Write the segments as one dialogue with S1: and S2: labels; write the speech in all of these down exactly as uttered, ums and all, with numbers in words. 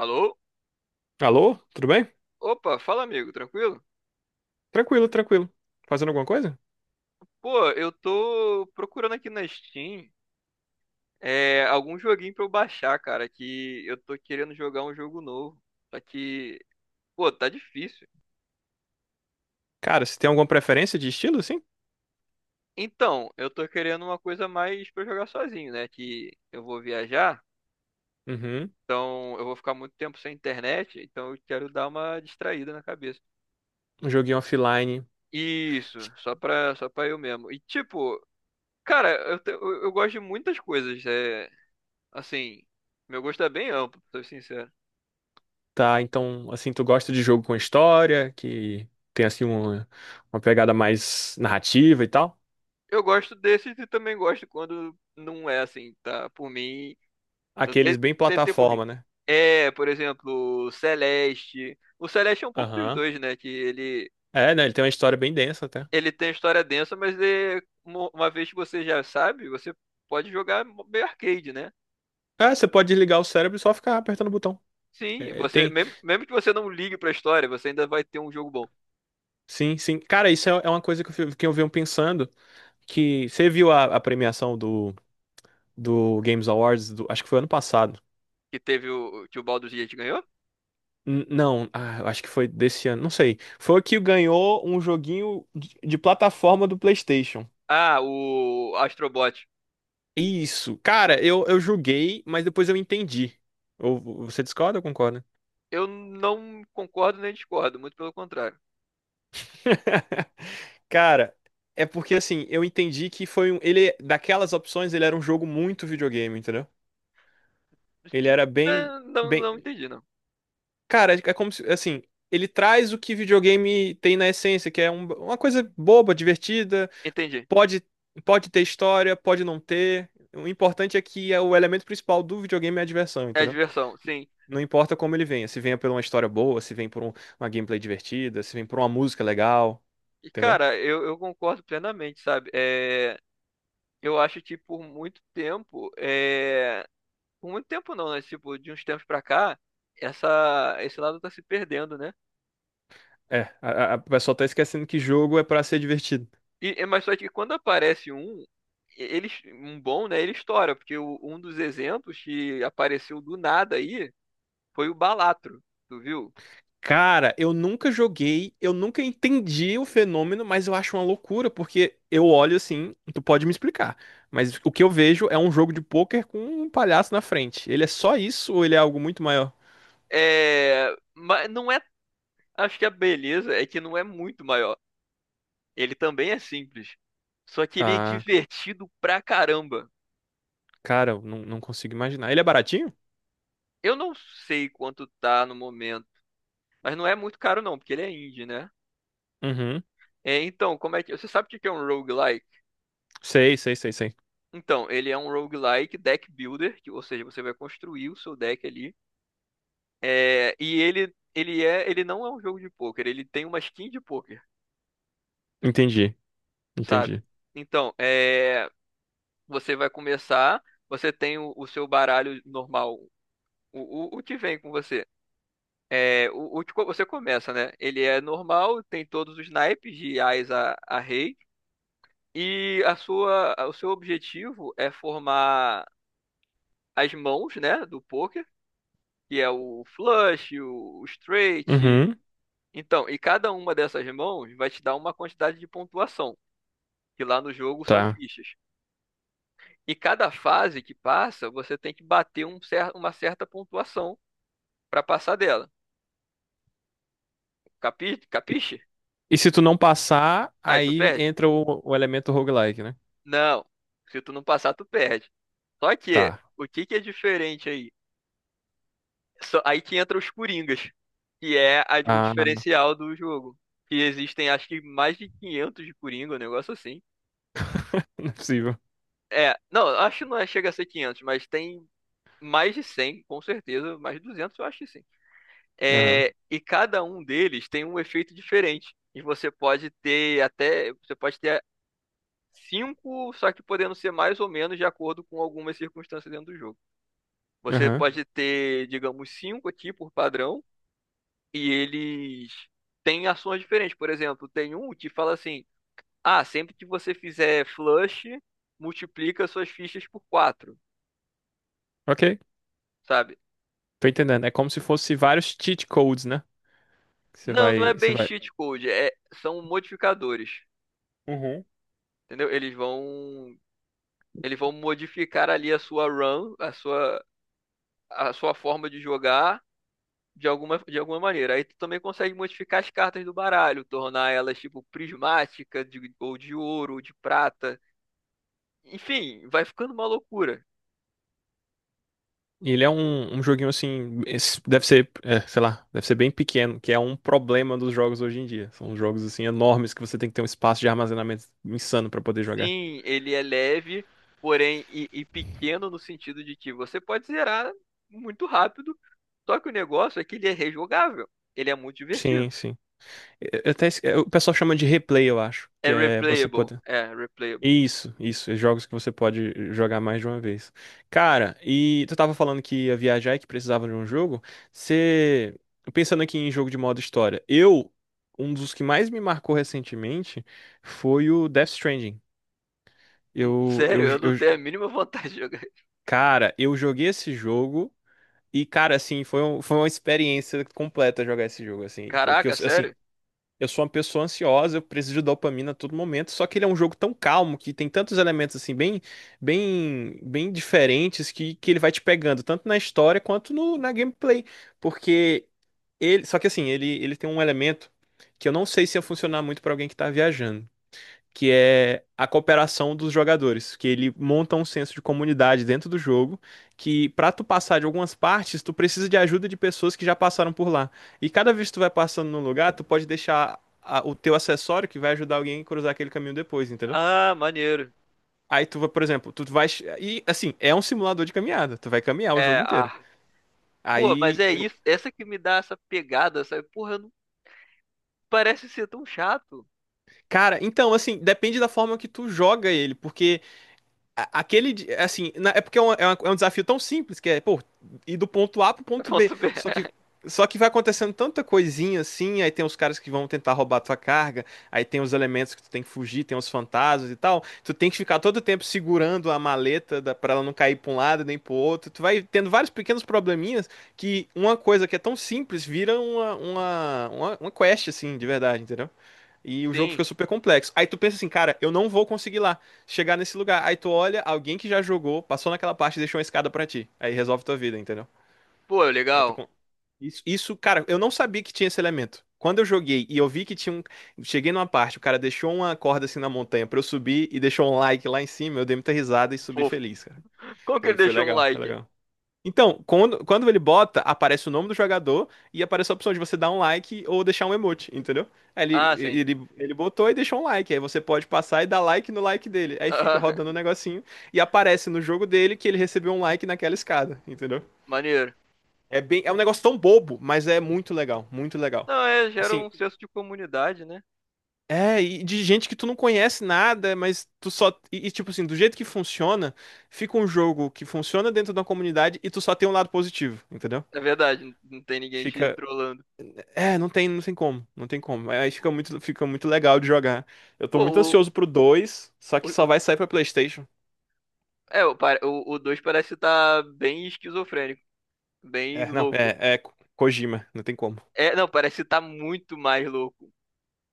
S1: Alô?
S2: Alô? Tudo bem?
S1: Opa, fala amigo, tranquilo?
S2: Tranquilo, tranquilo. Fazendo alguma coisa?
S1: Pô, eu tô procurando aqui na Steam é, algum joguinho pra eu baixar, cara, que eu tô querendo jogar um jogo novo. Só que, pô, tá difícil.
S2: Cara, você tem alguma preferência de estilo, assim?
S1: Então, eu tô querendo uma coisa mais pra eu jogar sozinho, né? Que eu vou viajar,
S2: Uhum.
S1: então eu vou ficar muito tempo sem internet, então eu quero dar uma distraída na cabeça.
S2: Um joguinho offline.
S1: Isso, só pra, só pra eu mesmo. E tipo, cara, eu, te- eu, eu gosto de muitas coisas. é, Assim, meu gosto é bem amplo, pra ser sincero.
S2: Tá, então, assim, tu gosta de jogo com história, que tem, assim, uma, uma pegada mais narrativa e tal?
S1: Eu gosto desses e também gosto quando não é assim, tá? Por mim, não
S2: Aqueles
S1: tem,
S2: bem
S1: tem tempo ruim.
S2: plataforma, né?
S1: É, por exemplo, o Celeste. O Celeste é um pouco dos
S2: Aham.
S1: dois, né? Que ele,
S2: É, né? Ele tem uma história bem densa até.
S1: ele tem história densa, mas é, uma uma vez que você já sabe, você pode jogar meio arcade, né?
S2: É, você pode desligar o cérebro e só ficar apertando o botão.
S1: Sim,
S2: É,
S1: você
S2: tem.
S1: mesmo, mesmo que você não ligue pra história, você ainda vai ter um jogo bom.
S2: Sim, sim. Cara, isso é é uma coisa que eu, fi- que eu venho pensando. Que você viu a, a premiação do, do Games Awards, do- acho que foi ano passado.
S1: Que teve o que o Baldur's Gate ganhou?
S2: N- Não, ah, eu acho que foi desse ano, não sei. Foi o que ganhou um joguinho de, de plataforma do PlayStation.
S1: Ah, o Astrobot.
S2: Isso, cara, eu, eu julguei, mas depois eu entendi. Ou você discorda ou concorda?
S1: Eu não concordo nem discordo, muito pelo contrário.
S2: Cara, é porque assim, eu entendi que foi um. Ele, daquelas opções, ele era um jogo muito videogame, entendeu? Ele
S1: Assim,
S2: era bem,
S1: né, não,
S2: bem.
S1: não entendi, não.
S2: Cara, é como se, assim, ele traz o que videogame tem na essência, que é um- uma coisa boba, divertida.
S1: Entendi.
S2: Pode, pode ter história, pode não ter. O importante é que é o elemento principal do videogame é a diversão,
S1: É
S2: entendeu?
S1: diversão, sim.
S2: Não importa como ele venha, se venha por uma história boa, se vem por um- uma gameplay divertida, se vem por uma música legal,
S1: E,
S2: entendeu?
S1: cara, eu, eu concordo plenamente, sabe? É, eu acho que por muito tempo, é, por muito tempo não, né? Tipo, de uns tempos pra cá, essa, esse lado tá se perdendo, né?
S2: É, a, a a pessoa tá esquecendo que jogo é pra ser divertido.
S1: E, é, mas só que quando aparece um, ele, um bom, né? Ele estoura, porque o- um dos exemplos que apareceu do nada aí foi o Balatro, tu viu?
S2: Cara, eu nunca joguei, eu nunca entendi o fenômeno, mas eu acho uma loucura, porque eu olho assim, tu pode me explicar, mas o que eu vejo é um jogo de pôquer com um palhaço na frente. Ele é só isso ou ele é algo muito maior?
S1: É, mas não é Acho que a beleza é que não é muito maior. Ele também é simples. Só que ele é
S2: Ah.
S1: divertido pra caramba.
S2: Cara, eu não, não consigo imaginar. Ele é baratinho?
S1: Eu não sei quanto tá no momento, mas não é muito caro não, porque ele é indie, né?
S2: Uhum.
S1: É, então, como é que... Você sabe o que que é um roguelike?
S2: Sei, sei, sei, sei.
S1: Então, ele é um roguelike deck builder, que- ou seja, você vai construir o seu deck ali. É, e ele, ele é, ele não é um jogo de pôquer, ele tem uma skin de pôquer,
S2: Entendi,
S1: sabe?
S2: entendi.
S1: Então, é, você vai começar, você tem o, o seu baralho normal. O, o, o que vem com você? É, o, o que co- você começa, né? Ele é normal, tem todos os naipes de ás a, a rei. E a sua, o seu objetivo é formar as mãos, né, do poker, que é o flush, o, o straight.
S2: Uhum,
S1: Então, e cada uma dessas mãos vai te dar uma quantidade de pontuação, que lá no jogo são
S2: tá.
S1: fichas. E cada fase que passa, você tem que bater um cer uma certa pontuação para passar dela. Capi,
S2: E,
S1: capiche?
S2: e se tu não passar,
S1: Aí tu
S2: aí
S1: perde.
S2: entra o, o elemento roguelike, né?
S1: Não, se tu não passar, tu perde. Só que,
S2: Tá.
S1: o que que é diferente aí? Só- aí que entra os Coringas, que é a- o
S2: Ah, não
S1: diferencial do jogo. Que existem, acho que mais de quinhentos de Coringa, um negócio assim.
S2: é possível.
S1: É, não, acho que não é- chega a ser quinhentos, mas tem mais de cem, com certeza, mais de duzentos, eu acho que sim.
S2: Aham,
S1: É, e cada um deles tem um efeito diferente. E você pode ter até, você pode ter cinco, só que podendo ser mais ou menos de acordo com algumas circunstâncias dentro do jogo. Você
S2: aham.
S1: pode ter, digamos, cinco aqui por padrão, e eles têm ações diferentes. Por exemplo, tem um que fala assim: ah, sempre que você fizer flush, multiplica suas fichas por quatro,
S2: Ok,
S1: sabe?
S2: tô entendendo. É como se fosse vários cheat codes, né? Que você
S1: Não, não
S2: vai,
S1: é
S2: você
S1: bem
S2: vai.
S1: cheat code, é, são modificadores,
S2: Uhum.
S1: entendeu? Eles vão, eles vão modificar ali a sua run, a sua, a sua forma de jogar de alguma, de alguma maneira. Aí tu também consegue modificar as cartas do baralho, tornar elas tipo prismática, de- ou de ouro, ou de prata. Enfim, vai ficando uma loucura.
S2: E ele é um, um joguinho assim, esse deve ser, é, sei lá, deve ser bem pequeno, que é um problema dos jogos hoje em dia. São jogos assim enormes que você tem que ter um espaço de armazenamento insano pra poder jogar.
S1: Sim, ele é leve, porém, e, e pequeno no sentido de que você pode zerar muito rápido, só que o negócio é que ele é rejogável. Ele é muito divertido.
S2: Sim, sim. Eu- eu até esque- o pessoal chama de replay, eu acho,
S1: É
S2: que é você
S1: replayable.
S2: poder.
S1: É, replayable.
S2: Isso, isso, é jogos que você pode jogar mais de uma vez. Cara, e tu tava falando que ia viajar e que precisava de um jogo. Você, pensando aqui em jogo de modo história, eu, um dos que mais me marcou recentemente foi o Death Stranding.
S1: Hum,
S2: Eu,
S1: Sério,
S2: eu,
S1: eu não
S2: eu,
S1: tenho a mínima vontade de jogar.
S2: Cara, eu joguei esse jogo e, cara, assim, foi, um- foi uma experiência completa jogar esse jogo, assim, porque, eu-
S1: Caraca,
S2: assim,
S1: sério?
S2: eu sou uma pessoa ansiosa, eu preciso de dopamina a todo momento, só que ele é um jogo tão calmo que tem tantos elementos assim bem bem bem diferentes que, que ele vai te pegando tanto na história quanto no, na gameplay, porque ele, só que assim, ele ele tem um elemento que eu não sei se ia funcionar muito pra alguém que tá viajando, que é a cooperação dos jogadores, que ele monta um senso de comunidade dentro do jogo, que pra tu passar de algumas partes, tu precisa de ajuda de pessoas que já passaram por lá. E cada vez que tu vai passando num lugar, tu pode deixar a- o teu acessório que vai ajudar alguém a cruzar aquele caminho depois, entendeu?
S1: Ah, maneiro.
S2: Aí tu vai, por exemplo, tu vai e assim, é um simulador de caminhada, tu vai caminhar o
S1: É,
S2: jogo inteiro.
S1: ah, pô, mas
S2: Aí,
S1: é
S2: eu-
S1: isso, essa que me dá essa pegada, sabe? Porra, não parece ser tão chato.
S2: Cara, então assim, depende da forma que tu joga ele, porque a- aquele, di- assim, na- é porque é, uma- é uma- é um desafio tão simples que é, pô, ir do ponto A pro ponto B.
S1: Ponto B.
S2: Só que, só que vai acontecendo tanta coisinha assim, aí tem os caras que vão tentar roubar a tua carga, aí tem os elementos que tu tem que fugir, tem os fantasmas e tal. Tu tem que ficar todo tempo segurando a maleta da, pra ela não cair pra um lado nem pro outro. Tu vai tendo vários pequenos probleminhas, que uma coisa que é tão simples vira uma, uma, uma, uma quest, assim, de verdade, entendeu? E o jogo
S1: Sim.
S2: fica super complexo. Aí tu pensa assim, cara, eu não vou conseguir lá chegar nesse lugar. Aí tu olha alguém que já jogou, passou naquela parte e deixou uma escada pra ti. Aí resolve tua vida, entendeu?
S1: Pô,
S2: Aí tu
S1: legal.
S2: con- isso, isso, cara, eu não sabia que tinha esse elemento. Quando eu joguei e eu vi que tinha um. Cheguei numa parte, o cara deixou uma corda assim na montanha pra eu subir e deixou um like lá em cima, eu dei muita risada e subi
S1: Fofo.
S2: feliz, cara.
S1: Como que
S2: Foi,
S1: ele
S2: foi
S1: deixou um
S2: legal, foi
S1: like?
S2: legal. Então, quando, quando ele bota, aparece o nome do jogador e aparece a opção de você dar um like ou deixar um emote, entendeu? Aí
S1: Ah,
S2: Ele,
S1: sim.
S2: ele, ele botou e deixou um like. Aí você pode passar e dar like no like dele. Aí fica
S1: Ah,
S2: rodando o negocinho e aparece no jogo dele que ele recebeu um like naquela escada, entendeu?
S1: maneiro.
S2: É bem, é um negócio tão bobo, mas é muito legal, muito legal.
S1: Não, é, gera
S2: Assim,
S1: um senso de comunidade, né?
S2: é, e de gente que tu não conhece nada, mas tu só. E, e, tipo assim, do jeito que funciona, fica um jogo que funciona dentro da comunidade e tu só tem um lado positivo, entendeu?
S1: É verdade, não não tem ninguém te
S2: Fica,
S1: trolando.
S2: é, não tem, não tem como, não tem como. Aí fica muito, fica muito legal de jogar. Eu tô
S1: Pô,
S2: muito
S1: o,
S2: ansioso pro dois. Só
S1: o,
S2: que só
S1: o-
S2: vai sair pra PlayStation.
S1: é, o, pare- o, o dois parece estar bem esquizofrênico, bem
S2: É, não,
S1: louco.
S2: é, é Ko- Kojima, não tem como.
S1: É, não, parece estar muito mais louco.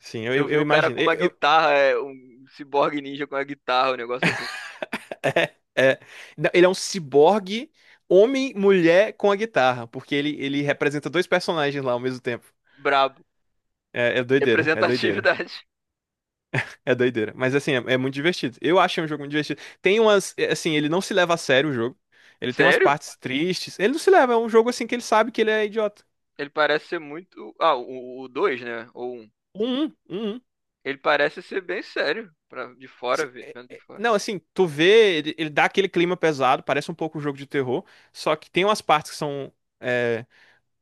S2: Sim,
S1: Eu
S2: eu,
S1: vi
S2: eu
S1: o cara
S2: imagino.
S1: com
S2: Eu-
S1: uma
S2: eu-
S1: guitarra, é, um ciborgue ninja com uma guitarra, um negócio assim.
S2: é, é. Não, ele é um ciborgue, homem, mulher com a guitarra, porque ele, ele representa dois personagens lá ao mesmo tempo.
S1: Brabo.
S2: É, é doideira, é doideira,
S1: Representatividade.
S2: é doideira. Mas assim, é, é muito divertido. Eu achei um jogo muito divertido. Tem umas, é, assim, ele não se leva a sério o jogo. Ele tem umas
S1: Sério?
S2: partes tristes. Ele não se leva, é um jogo assim que ele sabe que ele é idiota.
S1: Ele parece ser muito. Ah, o dois né? Ou um.
S2: Um, um, um.
S1: Ele parece ser bem sério. Pra... De fora,
S2: Se-
S1: ve-
S2: é-
S1: vendo de
S2: é-
S1: fora.
S2: Não, assim, tu vê, ele, ele dá aquele clima pesado, parece um pouco um jogo de terror, só que tem umas partes que são é,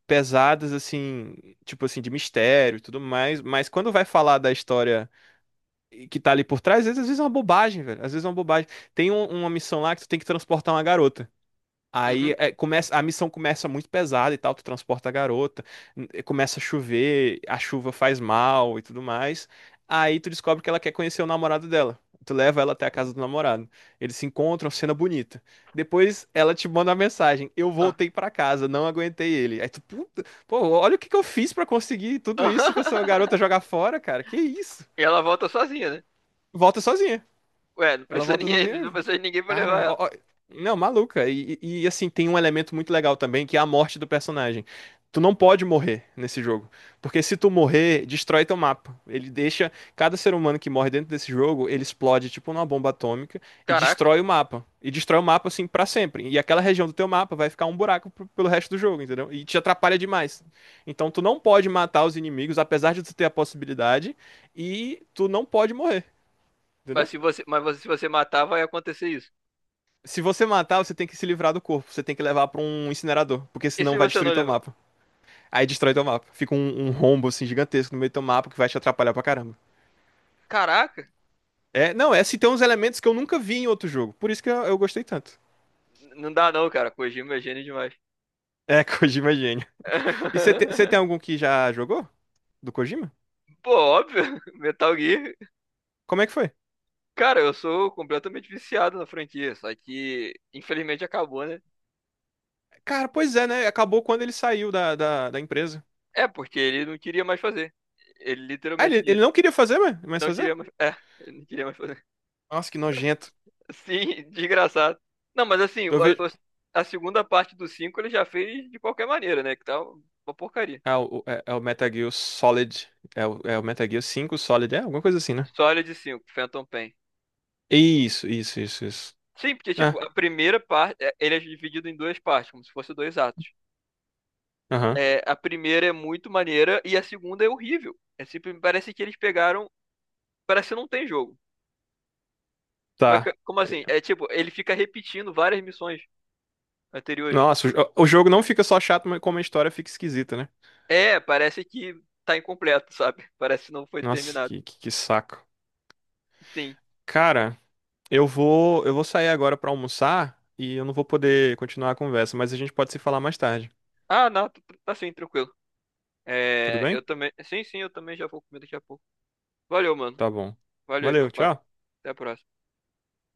S2: pesadas, assim, tipo assim, de mistério e tudo mais, mas quando vai falar da história que tá ali por trás, às vezes, às vezes é uma bobagem, velho, às vezes é uma bobagem. Tem um- uma missão lá que tu tem que transportar uma garota. Aí
S1: Uhum.
S2: é, começa, a missão começa muito pesada e tal, tu transporta a garota, n- começa a chover, a chuva faz mal e tudo mais. Aí tu descobre que ela quer conhecer o namorado dela. Tu leva ela até a casa do namorado. Eles se encontram, cena bonita. Depois ela te manda uma mensagem: eu
S1: Ah.
S2: voltei pra casa, não aguentei ele. Aí tu, puta, pô, olha o que que eu fiz pra conseguir tudo isso, pra essa garota jogar fora, cara. Que isso?
S1: E ela volta sozinha, né?
S2: Volta sozinha.
S1: Ué, não
S2: Ela
S1: precisa
S2: volta
S1: ninguém,
S2: sozinha.
S1: não precisa de ninguém pra levar
S2: Cara,
S1: ela.
S2: ó- ó- não, maluca. E, e- e, assim, tem um elemento muito legal também, que é a morte do personagem. Tu não pode morrer nesse jogo, porque se tu morrer, destrói teu mapa. Ele deixa cada ser humano que morre dentro desse jogo, ele explode tipo numa bomba atômica e
S1: Caraca.
S2: destrói o mapa. E destrói o mapa assim pra sempre. E aquela região do teu mapa vai ficar um buraco pro- pelo resto do jogo, entendeu? E te atrapalha demais. Então tu não pode matar os inimigos, apesar de tu ter a possibilidade, e tu não pode morrer,
S1: Mas
S2: entendeu?
S1: se você, mas você- se você matar, vai acontecer isso.
S2: Se você matar, você tem que se livrar do corpo. Você tem que levar pra um incinerador, porque
S1: E se
S2: senão vai
S1: você não
S2: destruir teu
S1: levar?
S2: mapa. Aí destrói teu mapa. Fica um, um rombo assim gigantesco no meio do teu mapa que vai te atrapalhar pra caramba.
S1: Caraca.
S2: É, não, é se tem uns elementos que eu nunca vi em outro jogo. Por isso que eu, eu gostei tanto.
S1: N- não dá não, cara. Kojima é gênio demais.
S2: É, Kojima é gênio. E você te- você tem algum que já jogou? Do Kojima?
S1: Pô, óbvio. Metal Gear.
S2: Como é que foi?
S1: Cara, eu sou completamente viciado na franquia. Só que, infelizmente, acabou, né?
S2: Cara, pois é, né? Acabou quando ele saiu da, da, da empresa.
S1: É, porque ele não queria mais fazer. Ele
S2: Ah,
S1: literalmente
S2: ele,
S1: disse,
S2: ele não queria fazer, mas mas
S1: não
S2: fazer?
S1: queria mais. É, ele não queria mais fazer.
S2: Nossa, que nojento.
S1: Sim, desgraçado. Não, mas assim,
S2: Eu vejo.
S1: a, a- a segunda parte do cinco ele já fez de qualquer maneira, né? Que tá uma porcaria.
S2: Ah, o- é, é o Metal Gear Solid. É o, é o Metal Gear cinco Solid, é alguma coisa assim, né?
S1: Sólido de cinco, Phantom Pain.
S2: Isso, isso, isso, isso.
S1: Sim, porque,
S2: É,
S1: tipo, a primeira parte, é, ele é dividido em duas partes, como se fossem dois atos.
S2: aham,
S1: É, a primeira é muito maneira e a segunda é horrível. É sempre, parece que eles pegaram. Parece que não tem jogo. Mas,
S2: tá.
S1: que- como assim? É tipo, ele fica repetindo várias missões anteriores.
S2: Nossa, o, jo- o jogo não fica só chato, mas como a história fica esquisita, né?
S1: É, parece que tá incompleto, sabe? Parece que não foi
S2: Nossa,
S1: terminado.
S2: que, que, que saco.
S1: Sim.
S2: Cara, eu vou, eu vou sair agora pra almoçar e eu não vou poder continuar a conversa, mas a gente pode se falar mais tarde.
S1: Ah, não, tá tá sim, tranquilo.
S2: Tudo
S1: É, eu
S2: bem?
S1: também. Sim, sim, eu também já vou comer daqui a pouco. Valeu, mano.
S2: Tá bom.
S1: Valeu aí pelo
S2: Valeu,
S1: papo.
S2: tchau.
S1: Até a próxima.